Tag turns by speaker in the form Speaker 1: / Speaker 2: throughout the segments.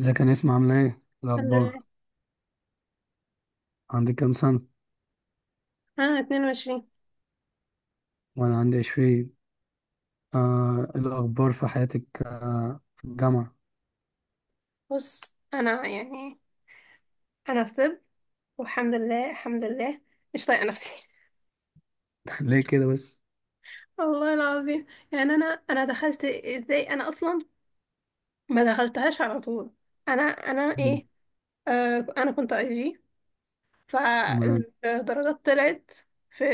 Speaker 1: ازيك يا نسمة، عاملة ايه؟
Speaker 2: الحمد لله.
Speaker 1: الأخبار. عندك كام سنة؟
Speaker 2: انا 22.
Speaker 1: وأنا عندي 20. إيه الأخبار في حياتك، في الجامعة؟
Speaker 2: بص، انا يعني انا في طب، والحمد لله الحمد لله، مش طايقه نفسي.
Speaker 1: ليه كده بس؟
Speaker 2: والله العظيم. يعني انا دخلت ازاي؟ انا اصلا ما دخلتهاش على طول. انا انا
Speaker 1: مم.
Speaker 2: ايه انا كنت اي جي،
Speaker 1: تمام.
Speaker 2: فالدرجات طلعت في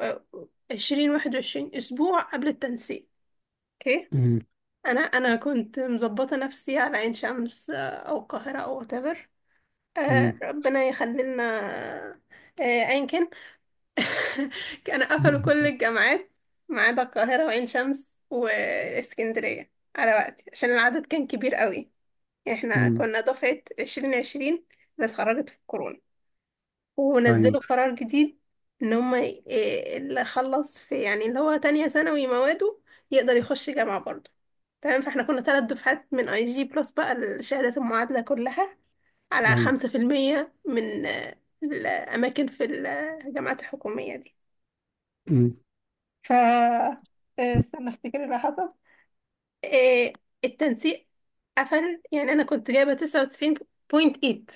Speaker 2: آه، 20 أو 21 اسبوع قبل التنسيق. اوكي،
Speaker 1: مم.
Speaker 2: انا كنت مظبطه نفسي على عين شمس او القاهره او whatever،
Speaker 1: مم.
Speaker 2: ربنا يخلي لنا. أيا كان، كانوا قفلوا كل الجامعات ما عدا القاهرة وعين شمس واسكندرية على وقتي عشان العدد كان كبير قوي. احنا
Speaker 1: مم.
Speaker 2: كنا دفعة 2020، اللي اتخرجت في الكورونا.
Speaker 1: أيوه.
Speaker 2: ونزلوا قرار جديد ان هم اللي خلص في يعني اللي هو تانية ثانوي مواده يقدر يخش جامعة برضه. تمام، فاحنا كنا 3 دفعات من اي جي بلس بقى الشهادات المعادلة كلها على
Speaker 1: أيوه.
Speaker 2: 5% من الأماكن في الجامعات الحكومية دي.
Speaker 1: مم.
Speaker 2: ف آه، استنى افتكر اللي حصل. آه، التنسيق قفل. يعني أنا كنت جايبة 99.8،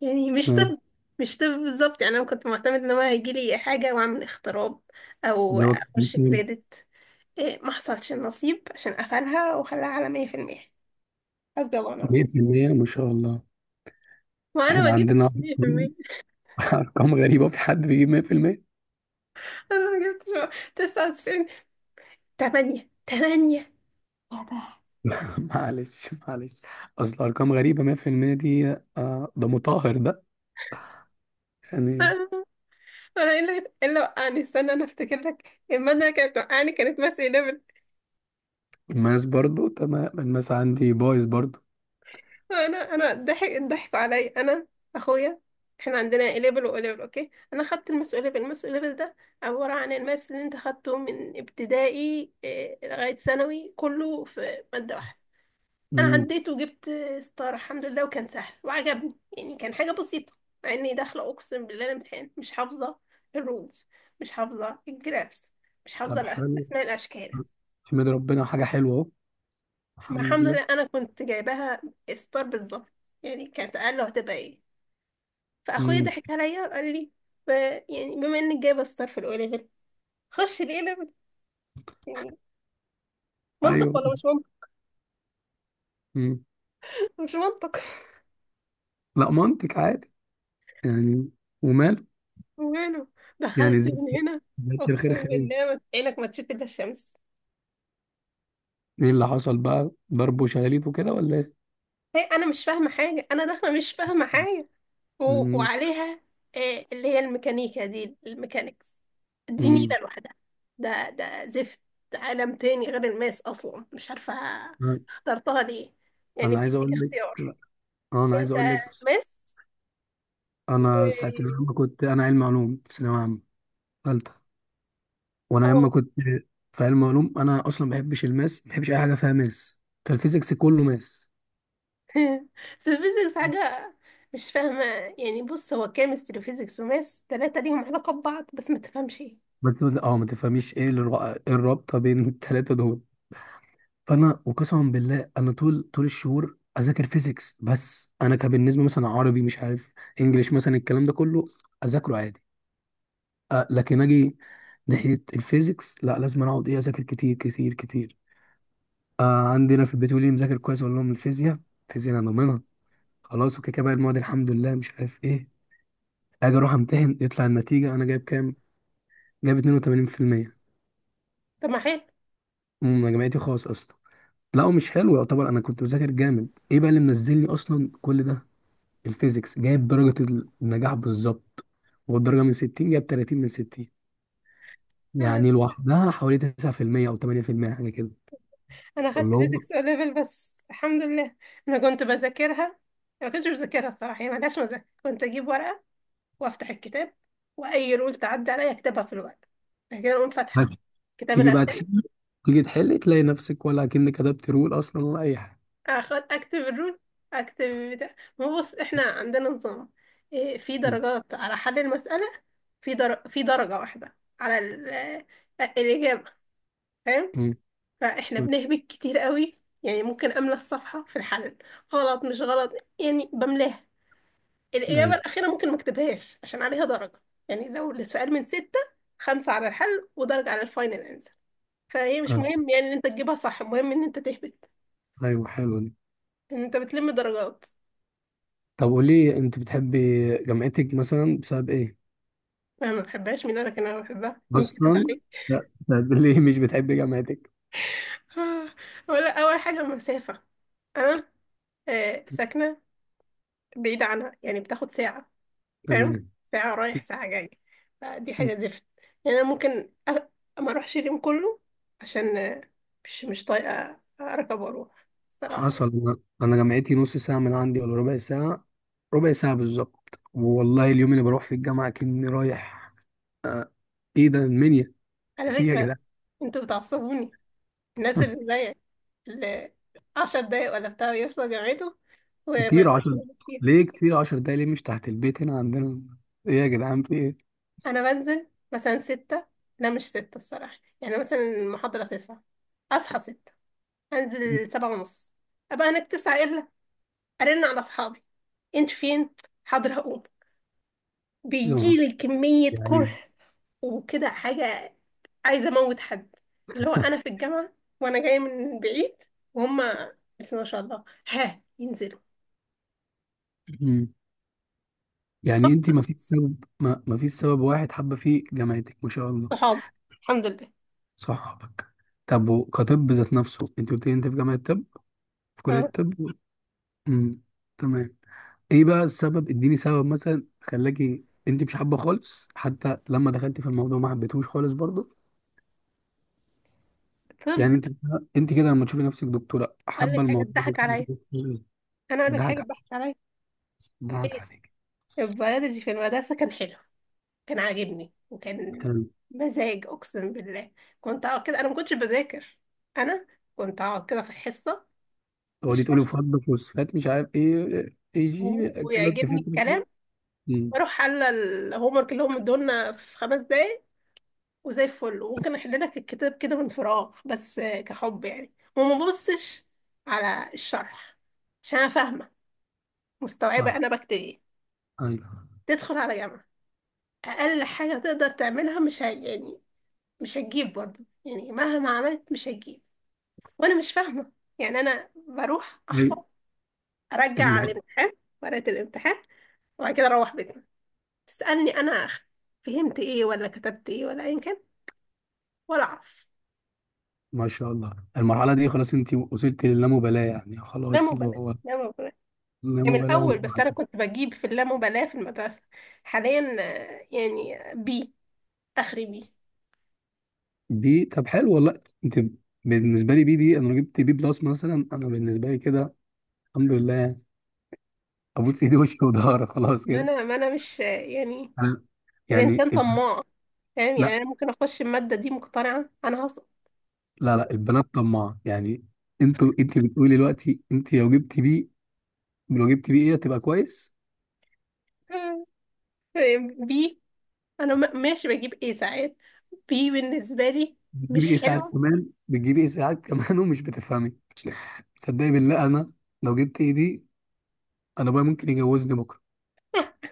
Speaker 2: يعني مش
Speaker 1: آه.
Speaker 2: طب، مش طب بالظبط. يعني أنا كنت معتمد إن هو هيجيلي حاجة وأعمل اختراب أو
Speaker 1: جوابك.
Speaker 2: أخش كريدت. ما حصلش النصيب عشان قفلها وخلاها على 100%. حسبي الله ونعم
Speaker 1: مية
Speaker 2: الوكيل.
Speaker 1: في المية ما شاء الله.
Speaker 2: وأنا ما
Speaker 1: احنا
Speaker 2: جبتش
Speaker 1: عندنا
Speaker 2: 100%،
Speaker 1: أرقام غريبة، في حد بيجيب مية في المية؟
Speaker 2: أنا ما جبتش 99.8 يا ده.
Speaker 1: معلش معلش، أصل أرقام غريبة مية في المية دي. آه ده مطهر ده يعني.
Speaker 2: انا ايه اللي إيه اللي وقعني؟ استنى انا افتكر لك، المادة اللي كانت وقعني كانت ماس اي ليفل.
Speaker 1: الماس برضو تمام، الماس عندي بايظ برضو.
Speaker 2: انا ضحكوا عليا انا اخويا احنا عندنا اي ليفل واو ليفل، اوكي، انا خدت الماس اي ليفل. الماس اي ليفل ده عبارة عن الماس اللي انت خدته من ابتدائي لغاية ثانوي كله في مادة واحدة. انا
Speaker 1: امم.
Speaker 2: عديت وجبت ستار الحمد لله، وكان سهل وعجبني، يعني كان حاجه بسيطه، مع اني داخله اقسم بالله الامتحان مش حافظه الرولز، مش حافظه الجرافس، مش
Speaker 1: طب
Speaker 2: حافظه
Speaker 1: حلو،
Speaker 2: اسماء الاشكال.
Speaker 1: احمد ربنا حاجة حلوة اهو.
Speaker 2: ما
Speaker 1: الحمد
Speaker 2: الحمد
Speaker 1: لله.
Speaker 2: لله انا كنت جايباها ستار بالظبط، يعني كانت اقل هتبقى ايه. فاخويا
Speaker 1: امم.
Speaker 2: ضحك عليا وقال لي ب... يعني بما انك جايبه ستار في الاولى ليفل، خش الاي ليفل. يعني منطق
Speaker 1: ايوه.
Speaker 2: ولا مش منطق؟
Speaker 1: امم.
Speaker 2: مش منطق.
Speaker 1: لا منطق عادي يعني. وماله.
Speaker 2: وماله، دخلت
Speaker 1: يعني زي
Speaker 2: من هنا.
Speaker 1: زي
Speaker 2: اقسم
Speaker 1: الخير خيرين.
Speaker 2: بالله عينك ما تشوف الا الشمس.
Speaker 1: ايه اللي حصل بقى؟ ضرب وشلاليت وكده ولا ايه؟
Speaker 2: هي انا مش فاهمه حاجه، انا داخله مش فاهمه حاجه و...
Speaker 1: امم.
Speaker 2: وعليها اللي هي الميكانيكا دي، الميكانيكس دي
Speaker 1: امم.
Speaker 2: نيله لوحدها. ده ده زفت. ده عالم تاني غير الماس اصلا، مش عارفه اخترتها ليه، يعني
Speaker 1: انا عايز
Speaker 2: بيديك
Speaker 1: اقول لك
Speaker 2: اختيار،
Speaker 1: اه انا عايز
Speaker 2: انت
Speaker 1: اقول لك،
Speaker 2: ماس
Speaker 1: انا ساعة
Speaker 2: و
Speaker 1: لما كنت انا علم علوم في ثانوية عامة، ثالثة، وانا
Speaker 2: أو.
Speaker 1: لما كنت في علم علوم انا اصلا ما بحبش الماس، ما بحبش اي حاجة فيها ماس. فالفيزيكس كله ماس.
Speaker 2: بس الفيزيكس حاجه مش فاهمه. يعني بص، هو كيمستري وفيزيكس وماس، تلاتة ليهم علاقه ببعض بس ما تفهمش ايه.
Speaker 1: بس ما تفهميش ايه إيه الرابطه بين الثلاثه دول. فانا وقسما بالله انا طول طول الشهور اذاكر فيزيكس، بس انا كان بالنسبه مثلا عربي، مش عارف، انجليش، مثلا الكلام ده كله اذاكره عادي. أه لكن اجي ناحيه الفيزيكس، لا، لازم أنا اقعد ايه اذاكر كتير كتير كتير. أه عندنا في البيت يقول لي مذاكر كويس، اقول لهم الفيزياء. الفيزياء انا ضامنها خلاص، وكده كده بقى المواد الحمد لله مش عارف ايه. اجي اروح امتحن يطلع النتيجه، انا جايب كام؟ جايب 82%.
Speaker 2: طب ما حلو،
Speaker 1: جامعتي خاص اصلا. لا هو مش حلو يعتبر، انا كنت بذاكر جامد. ايه بقى اللي منزلني اصلا كل ده؟ الفيزيكس جايب درجة النجاح بالظبط، والدرجة من 60 جايب 30 من 60. يعني لوحدها حوالي 9% او 8% حاجة كده.
Speaker 2: انا خدت
Speaker 1: فاللي هو
Speaker 2: فيزيكس او ليفل بس الحمد لله. انا كنت بذاكرها، ما كنتش بذاكرها الصراحه. هي ملهاش مذاكره، كنت اجيب ورقه وافتح الكتاب واي رول تعدي عليا اكتبها في الورقه. بعد كده اقوم
Speaker 1: بس
Speaker 2: فاتحه كتاب
Speaker 1: تيجي بقى
Speaker 2: الاسئله،
Speaker 1: تحل تيجي تحل، تلاقي نفسك ولا كأنك كتبت رول اصلا ولا اي حاجة.
Speaker 2: اخد اكتب الرول، اكتب بتاع، ما هو بص احنا عندنا نظام في
Speaker 1: م-
Speaker 2: درجات على حل المساله، في درجه واحده على الاجابه، فاهم؟
Speaker 1: م-
Speaker 2: فاحنا
Speaker 1: م-
Speaker 2: بنهبط كتير قوي، يعني ممكن املى الصفحه في الحل غلط مش غلط، يعني بملاها. الإجابة
Speaker 1: ايوه.
Speaker 2: الأخيرة ممكن ما اكتبهاش عشان عليها درجة. يعني لو السؤال من ستة، خمسة على الحل ودرجة على الفاينل أنسر، فهي مش
Speaker 1: آه،
Speaker 2: مهم يعني إن أنت تجيبها صح، المهم إن أنت تهبط،
Speaker 1: ايوه حلو دي.
Speaker 2: إن أنت بتلم درجات.
Speaker 1: طب قولي، انت بتحبي جامعتك مثلا بسبب ايه
Speaker 2: أنا ما بحبهاش، مين أنا كان أنا بحبها؟ مين كتب
Speaker 1: اصلا؟
Speaker 2: عليك
Speaker 1: لا، طب ليه مش بتحبي جامعتك؟
Speaker 2: آه، ولا، أول حاجة المسافة. أنا ساكنة بعيدة عنها، يعني بتاخد ساعة، فاهم؟
Speaker 1: تمام.
Speaker 2: ساعة رايح ساعة جاي، فدي حاجة زفت. يعني أنا ممكن ما أروحش اليوم كله عشان مش طايقة أركب وأروح الصراحة يعني.
Speaker 1: حصل. أنا جامعتي نص ساعه من عندي ولا ربع ساعه. ربع ساعه بالظبط، والله اليوم اللي بروح في الجامعه كأني رايح ايه، ده المنيا.
Speaker 2: على
Speaker 1: ايه يا
Speaker 2: فكرة
Speaker 1: جدعان!
Speaker 2: انتوا بتعصبوني، الناس اللي زيك، اللي 10 دقايق ولا بتاع يوصل جامعته وما
Speaker 1: كتير
Speaker 2: يبقاش
Speaker 1: عشر
Speaker 2: موجود فيها.
Speaker 1: كتير 10 دقايق ليه؟ مش تحت البيت هنا عندنا؟ ايه يا جدعان في ايه؟
Speaker 2: انا بنزل مثلا ستة، لا مش ستة الصراحة، يعني مثلا المحاضرة تسعة، اصحى ستة، انزل سبعة ونص، ابقى هناك تسعة الا، ارن على اصحابي، انت فين؟ حاضر هقوم.
Speaker 1: يا نهار.
Speaker 2: بيجيلي كمية كره
Speaker 1: يعني.
Speaker 2: وكده حاجة عايزة اموت حد، اللي هو انا في الجامعة وانا جاية من بعيد، وهم بسم الله ما شاء الله ها ينزل.
Speaker 1: مم. يعني انت ما فيش سبب واحد حابه فيه جامعتك ما شاء الله؟
Speaker 2: صحاب الحمد لله.
Speaker 1: صحابك. طب وكطب ذات نفسه، انت قلت لي انت في جامعه طب، في كليه
Speaker 2: اه.
Speaker 1: طب. مم. تمام. ايه بقى السبب؟ اديني سبب مثلا خلاكي انت مش حابه خالص، حتى لما دخلتي في الموضوع ما حبيتهوش خالص برضه.
Speaker 2: طب
Speaker 1: يعني انت كده لما تشوفي نفسك دكتوره
Speaker 2: قال
Speaker 1: حابه
Speaker 2: لك حاجة
Speaker 1: الموضوع
Speaker 2: تضحك عليا،
Speaker 1: ده؟
Speaker 2: انا اقول لك حاجه
Speaker 1: ضحك
Speaker 2: تضحك عليا.
Speaker 1: ضحك
Speaker 2: ايه،
Speaker 1: عليك.
Speaker 2: البيولوجي في المدرسه كان حلو، كان عاجبني، وكان
Speaker 1: حلو.
Speaker 2: مزاج اقسم بالله. كنت اقعد كده، انا ما كنتش بذاكر، انا كنت اقعد كده في الحصه
Speaker 1: هو دي
Speaker 2: يشرح
Speaker 1: تقولي
Speaker 2: لي
Speaker 1: فرد فوسفات مش عارف ايه، اي جي كده انت
Speaker 2: ويعجبني
Speaker 1: فاهم.
Speaker 2: الكلام،
Speaker 1: أمم،
Speaker 2: واروح حل الهوم ورك اللي هم ادولنا في 5 دقايق وزي الفل، وممكن احل لك الكتاب كده من فراغ بس كحب، يعني وما ببصش على الشرح عشان انا فاهمه،
Speaker 1: فاهم.
Speaker 2: مستوعبة أنا بكتب إيه.
Speaker 1: ايوه.
Speaker 2: تدخل على جامعة، أقل حاجة تقدر تعملها مش ه... يعني مش هتجيب برضه، يعني مهما عملت مش هتجيب، وأنا مش فاهمة. يعني أنا بروح
Speaker 1: أيوة.
Speaker 2: أحفظ، أرجع على
Speaker 1: الم-
Speaker 2: الامتحان، ورقة الامتحان، وبعد كده أروح بيتنا، تسألني أنا فهمت إيه ولا كتبت إيه ولا أيا كان، ولا أعرف.
Speaker 1: ما شاء الله المرحله دي، خلاص انت وصلت للامبالاه يعني،
Speaker 2: لا
Speaker 1: خلاص اللي
Speaker 2: مبالاة،
Speaker 1: هو
Speaker 2: لا مبالاة. يعني من
Speaker 1: اللامبالاه
Speaker 2: أول بس أنا كنت بجيب في اللامبالاة في المدرسة، حاليا يعني بي، آخري بي.
Speaker 1: دي. طب حلو والله. انت بالنسبه لي بي دي، انا لو جبت بي بلس مثلا، انا بالنسبه لي كده الحمد لله ابوس ايدي وشي وضهري، خلاص
Speaker 2: ما
Speaker 1: كده.
Speaker 2: أنا، ما أنا مش يعني،
Speaker 1: انا يعني
Speaker 2: الانسان طماع، فاهم؟ يعني
Speaker 1: لا
Speaker 2: انا ممكن اخش الماده دي مقتنعه انا هسقط.
Speaker 1: لا لا البنات طماعه يعني. انت بتقولي دلوقتي انت لو جبت بي، لو جبت بي ايه هتبقى كويس.
Speaker 2: بي، انا ماشي بجيب ايه ساعات. بي بالنسبه لي
Speaker 1: بتجيبي
Speaker 2: مش
Speaker 1: ايه ساعات
Speaker 2: حلو.
Speaker 1: كمان، بتجيبي ايه ساعات كمان، ومش بتفهمي. تصدقي بالله، انا لو جبت ايه دي انا بقى ممكن يجوزني بكره.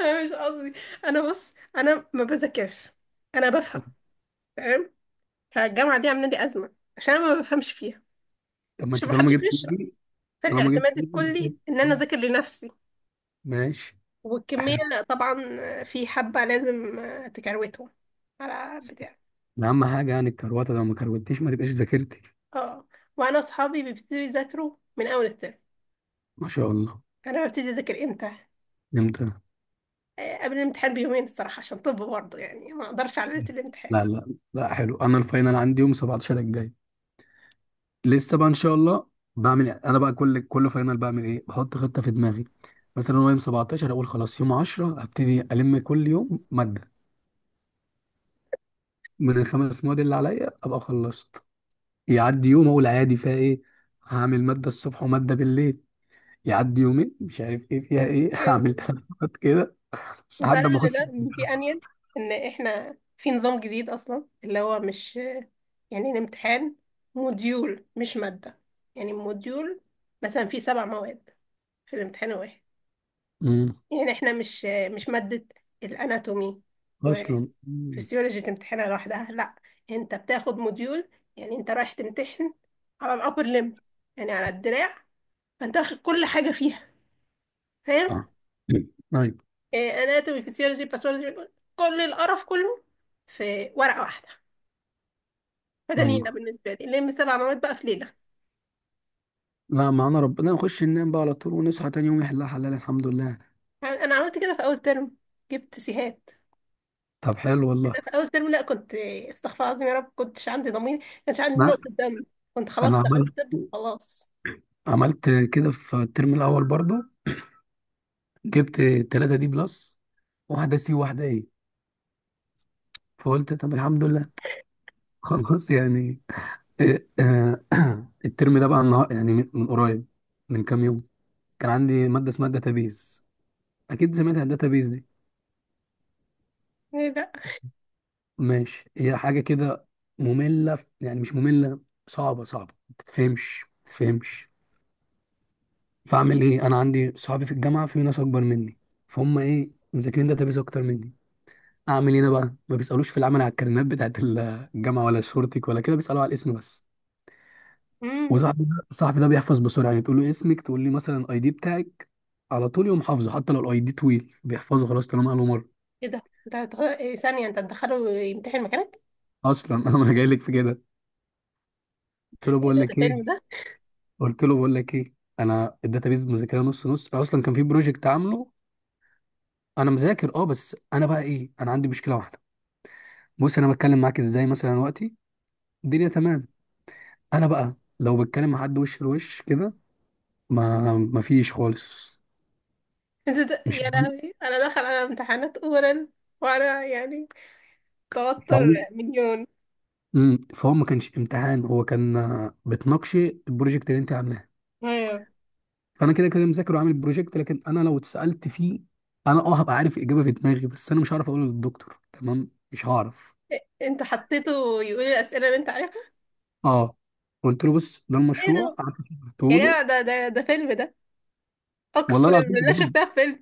Speaker 2: انا مش قصدي، انا بص انا ما بذاكرش، انا بفهم تمام. فالجامعه دي عامله لي ازمه عشان انا ما بفهمش فيها،
Speaker 1: طب ما
Speaker 2: مش،
Speaker 1: انت طالما
Speaker 2: محدش
Speaker 1: جبت ايه
Speaker 2: بيشرح،
Speaker 1: دي، طالما جبت
Speaker 2: فالاعتماد
Speaker 1: ايه
Speaker 2: الكلي
Speaker 1: دي
Speaker 2: ان انا اذاكر لنفسي،
Speaker 1: ماشي.
Speaker 2: والكميه طبعا في حبه لازم تكروتهم على بتاع.
Speaker 1: ده اهم حاجه يعني الكروته، لو ما كروتيش ما تبقاش ذاكرتي.
Speaker 2: اه. وانا اصحابي بيبتدوا يذاكروا من اول الترم،
Speaker 1: ما شاء الله.
Speaker 2: انا ببتدي اذاكر امتى؟
Speaker 1: امتى؟
Speaker 2: قبل الامتحان بيومين الصراحه، عشان طب برضه يعني ما اقدرش على ليله الامتحان.
Speaker 1: لا لا. لا حلو، انا الفاينل عندي يوم 17 الجاي، لسه بقى ان شاء الله. بعمل إيه؟ انا بقى كل فاينل بعمل ايه، بحط خطه في دماغي. مثلا هو يوم 17، اقول خلاص يوم 10 ابتدي الم كل يوم ماده من ال5 مواد اللي عليا، ابقى خلصت. يعدي يوم، اقول عادي فيها ايه، هعمل ماده الصبح وماده بالليل. يعدي يومين، مش عارف ايه فيها ايه، هعمل
Speaker 2: أمم.
Speaker 1: 3 مرات كده
Speaker 2: انت
Speaker 1: لحد
Speaker 2: عارف
Speaker 1: ما
Speaker 2: ان
Speaker 1: اخش.
Speaker 2: ده دي انيل، ان احنا في نظام جديد اصلا، اللي هو مش يعني الامتحان موديول مش ماده، يعني موديول مثلا في 7 مواد في الامتحان الواحد.
Speaker 1: مم.
Speaker 2: يعني احنا مش مادة الاناتومي
Speaker 1: اصلا.
Speaker 2: وفسيولوجي تمتحنها لوحدها، لا، انت بتاخد موديول، يعني انت رايح تمتحن على الابر ليم، يعني على الدراع، فانت واخد كل حاجة فيها، فاهم؟
Speaker 1: صح. ايوه.
Speaker 2: اناتومي، فسيولوجي، باثولوجي، كل القرف كله في ورقة واحدة. فده نيلة
Speaker 1: ايوه.
Speaker 2: بالنسبة لي، لم 7 مواد بقى في ليلة.
Speaker 1: لا، معانا ربنا، نخش ننام بقى على طول ونصحى تاني يوم يحلها حلال الحمد لله.
Speaker 2: انا عملت كده في اول ترم، جبت سيهات.
Speaker 1: طب حلو والله.
Speaker 2: اول ترم لا، كنت، استغفر الله العظيم يا رب، كنتش عندي ضمير، كانش عندي
Speaker 1: ما
Speaker 2: نقطة دم، كنت خلاص
Speaker 1: انا
Speaker 2: دخلت طب خلاص.
Speaker 1: عملت كده في الترم الاول برضه. جبت 3 دي بلس، واحدة سي وواحدة ايه، فقلت طب الحمد لله، خلاص يعني. إيه، آه، الترم ده بقى النهار يعني، من قريب، من كام يوم، كان عندي مادة اسمها داتابيز، اكيد سمعت عن.
Speaker 2: إيه، لا.
Speaker 1: ماشي، هي حاجة كده مملة، يعني مش مملة، صعبة صعبة، ما تتفهمش ما تتفهمش. فاعمل ايه، انا عندي صحابي في الجامعة، في ناس اكبر مني فهم ايه، مذاكرين داتابيز اكتر مني. اعمل ايه انا بقى، ما بيسالوش في العمل على الكلمات بتاعت الجامعة ولا شورتك ولا كده، بيسالوا على الاسم بس.
Speaker 2: امم.
Speaker 1: وصاحبي ده، صاحبي ده بيحفظ بسرعة، يعني تقول له اسمك تقول لي مثلا الاي دي بتاعك، على طول يقوم حافظه، حتى لو الاي دي طويل بيحفظه خلاص طالما قاله مرة.
Speaker 2: ايه ده إيه؟ ثانية انت تدخله يمتحن مكانك؟
Speaker 1: اصلا انا ما انا جاي لك في كده، قلت له
Speaker 2: ايه
Speaker 1: بقول
Speaker 2: ده،
Speaker 1: لك
Speaker 2: ده
Speaker 1: ايه.
Speaker 2: فيلم ده؟
Speaker 1: قلت له بقول لك ايه انا الداتابيز مذاكرها نص نص، انا اصلا كان في بروجكت عامله. انا مذاكر بس انا بقى ايه، انا عندي مشكله واحده. بص، انا بتكلم معاك ازاي مثلا وقتي، الدنيا تمام. انا بقى لو بتكلم مع حد وش لوش كده، ما فيش خالص.
Speaker 2: ايه ده, ده
Speaker 1: مش
Speaker 2: يا لهوي، انا داخل على امتحانات اورال، وانا يعني توتر
Speaker 1: فهو
Speaker 2: مليون.
Speaker 1: مم. فهو ما كانش امتحان، هو كان بتناقشي البروجكت اللي انت عاملاه.
Speaker 2: ايوه.
Speaker 1: فانا كده كده مذاكر وعامل البروجكت، لكن انا لو اتسالت فيه، انا هبقى عارف الاجابه في دماغي، بس انا مش هعرف اقوله للدكتور تمام، مش هعرف.
Speaker 2: إيه، انت حطيته يقول الاسئلة اللي انت عارفها؟
Speaker 1: اه قلت له بص ده
Speaker 2: ايه
Speaker 1: المشروع،
Speaker 2: ده؟
Speaker 1: قعدت
Speaker 2: يا
Speaker 1: شرحته له.
Speaker 2: جماعة ده ده فيلم ده،
Speaker 1: والله
Speaker 2: اقسم
Speaker 1: العظيم
Speaker 2: بالله
Speaker 1: بجد.
Speaker 2: شفتها في فيلم.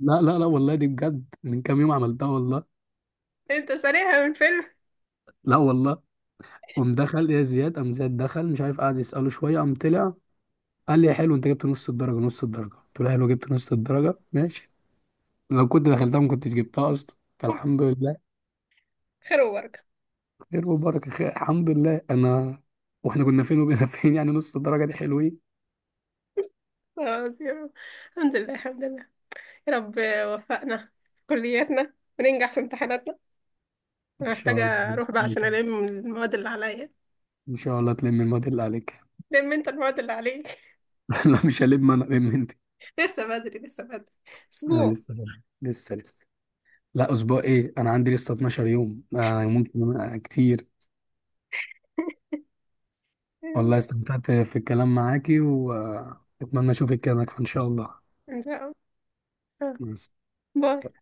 Speaker 1: لا لا لا والله دي بجد، من كام يوم عملتها والله.
Speaker 2: انت سريعة من فيلم.
Speaker 1: لا والله. قام دخل يا زياد، قام زياد دخل مش عارف قعد يسأله شوية، قام طلع، قال لي يا حلو انت جبت نص الدرجة. نص الدرجة، قلت له حلو، جبت نص الدرجة ماشي، لو كنت دخلتها ما كنتش جبتها اصلا فالحمد لله.
Speaker 2: خير وبركة.
Speaker 1: خير وبركة. الحمد لله. انا واحنا كنا فين وبقينا فين، يعني نص الدرجة دي حلوين.
Speaker 2: خلاص يا رب. الحمد لله الحمد لله، يا رب وفقنا في كلياتنا وننجح في امتحاناتنا.
Speaker 1: ان
Speaker 2: انا
Speaker 1: شاء
Speaker 2: محتاجة
Speaker 1: الله.
Speaker 2: اروح بقى عشان الم المواد اللي عليا.
Speaker 1: ان شاء الله تلم المواد اللي عليك.
Speaker 2: لم انت المواد اللي عليك.
Speaker 1: لا مش هلم انا، لم انت.
Speaker 2: لسه بدري، لسه بدري،
Speaker 1: أنا
Speaker 2: اسبوع.
Speaker 1: لسه برضه. لسه لسه. لا اسبوع ايه، انا عندي لسه 12 يوم، ممكن، كتير. والله استمتعت في الكلام معاكي، واتمنى اشوفك كده ان شاء الله.
Speaker 2: ان شاء الله. آه.
Speaker 1: مع السلامة.
Speaker 2: باي.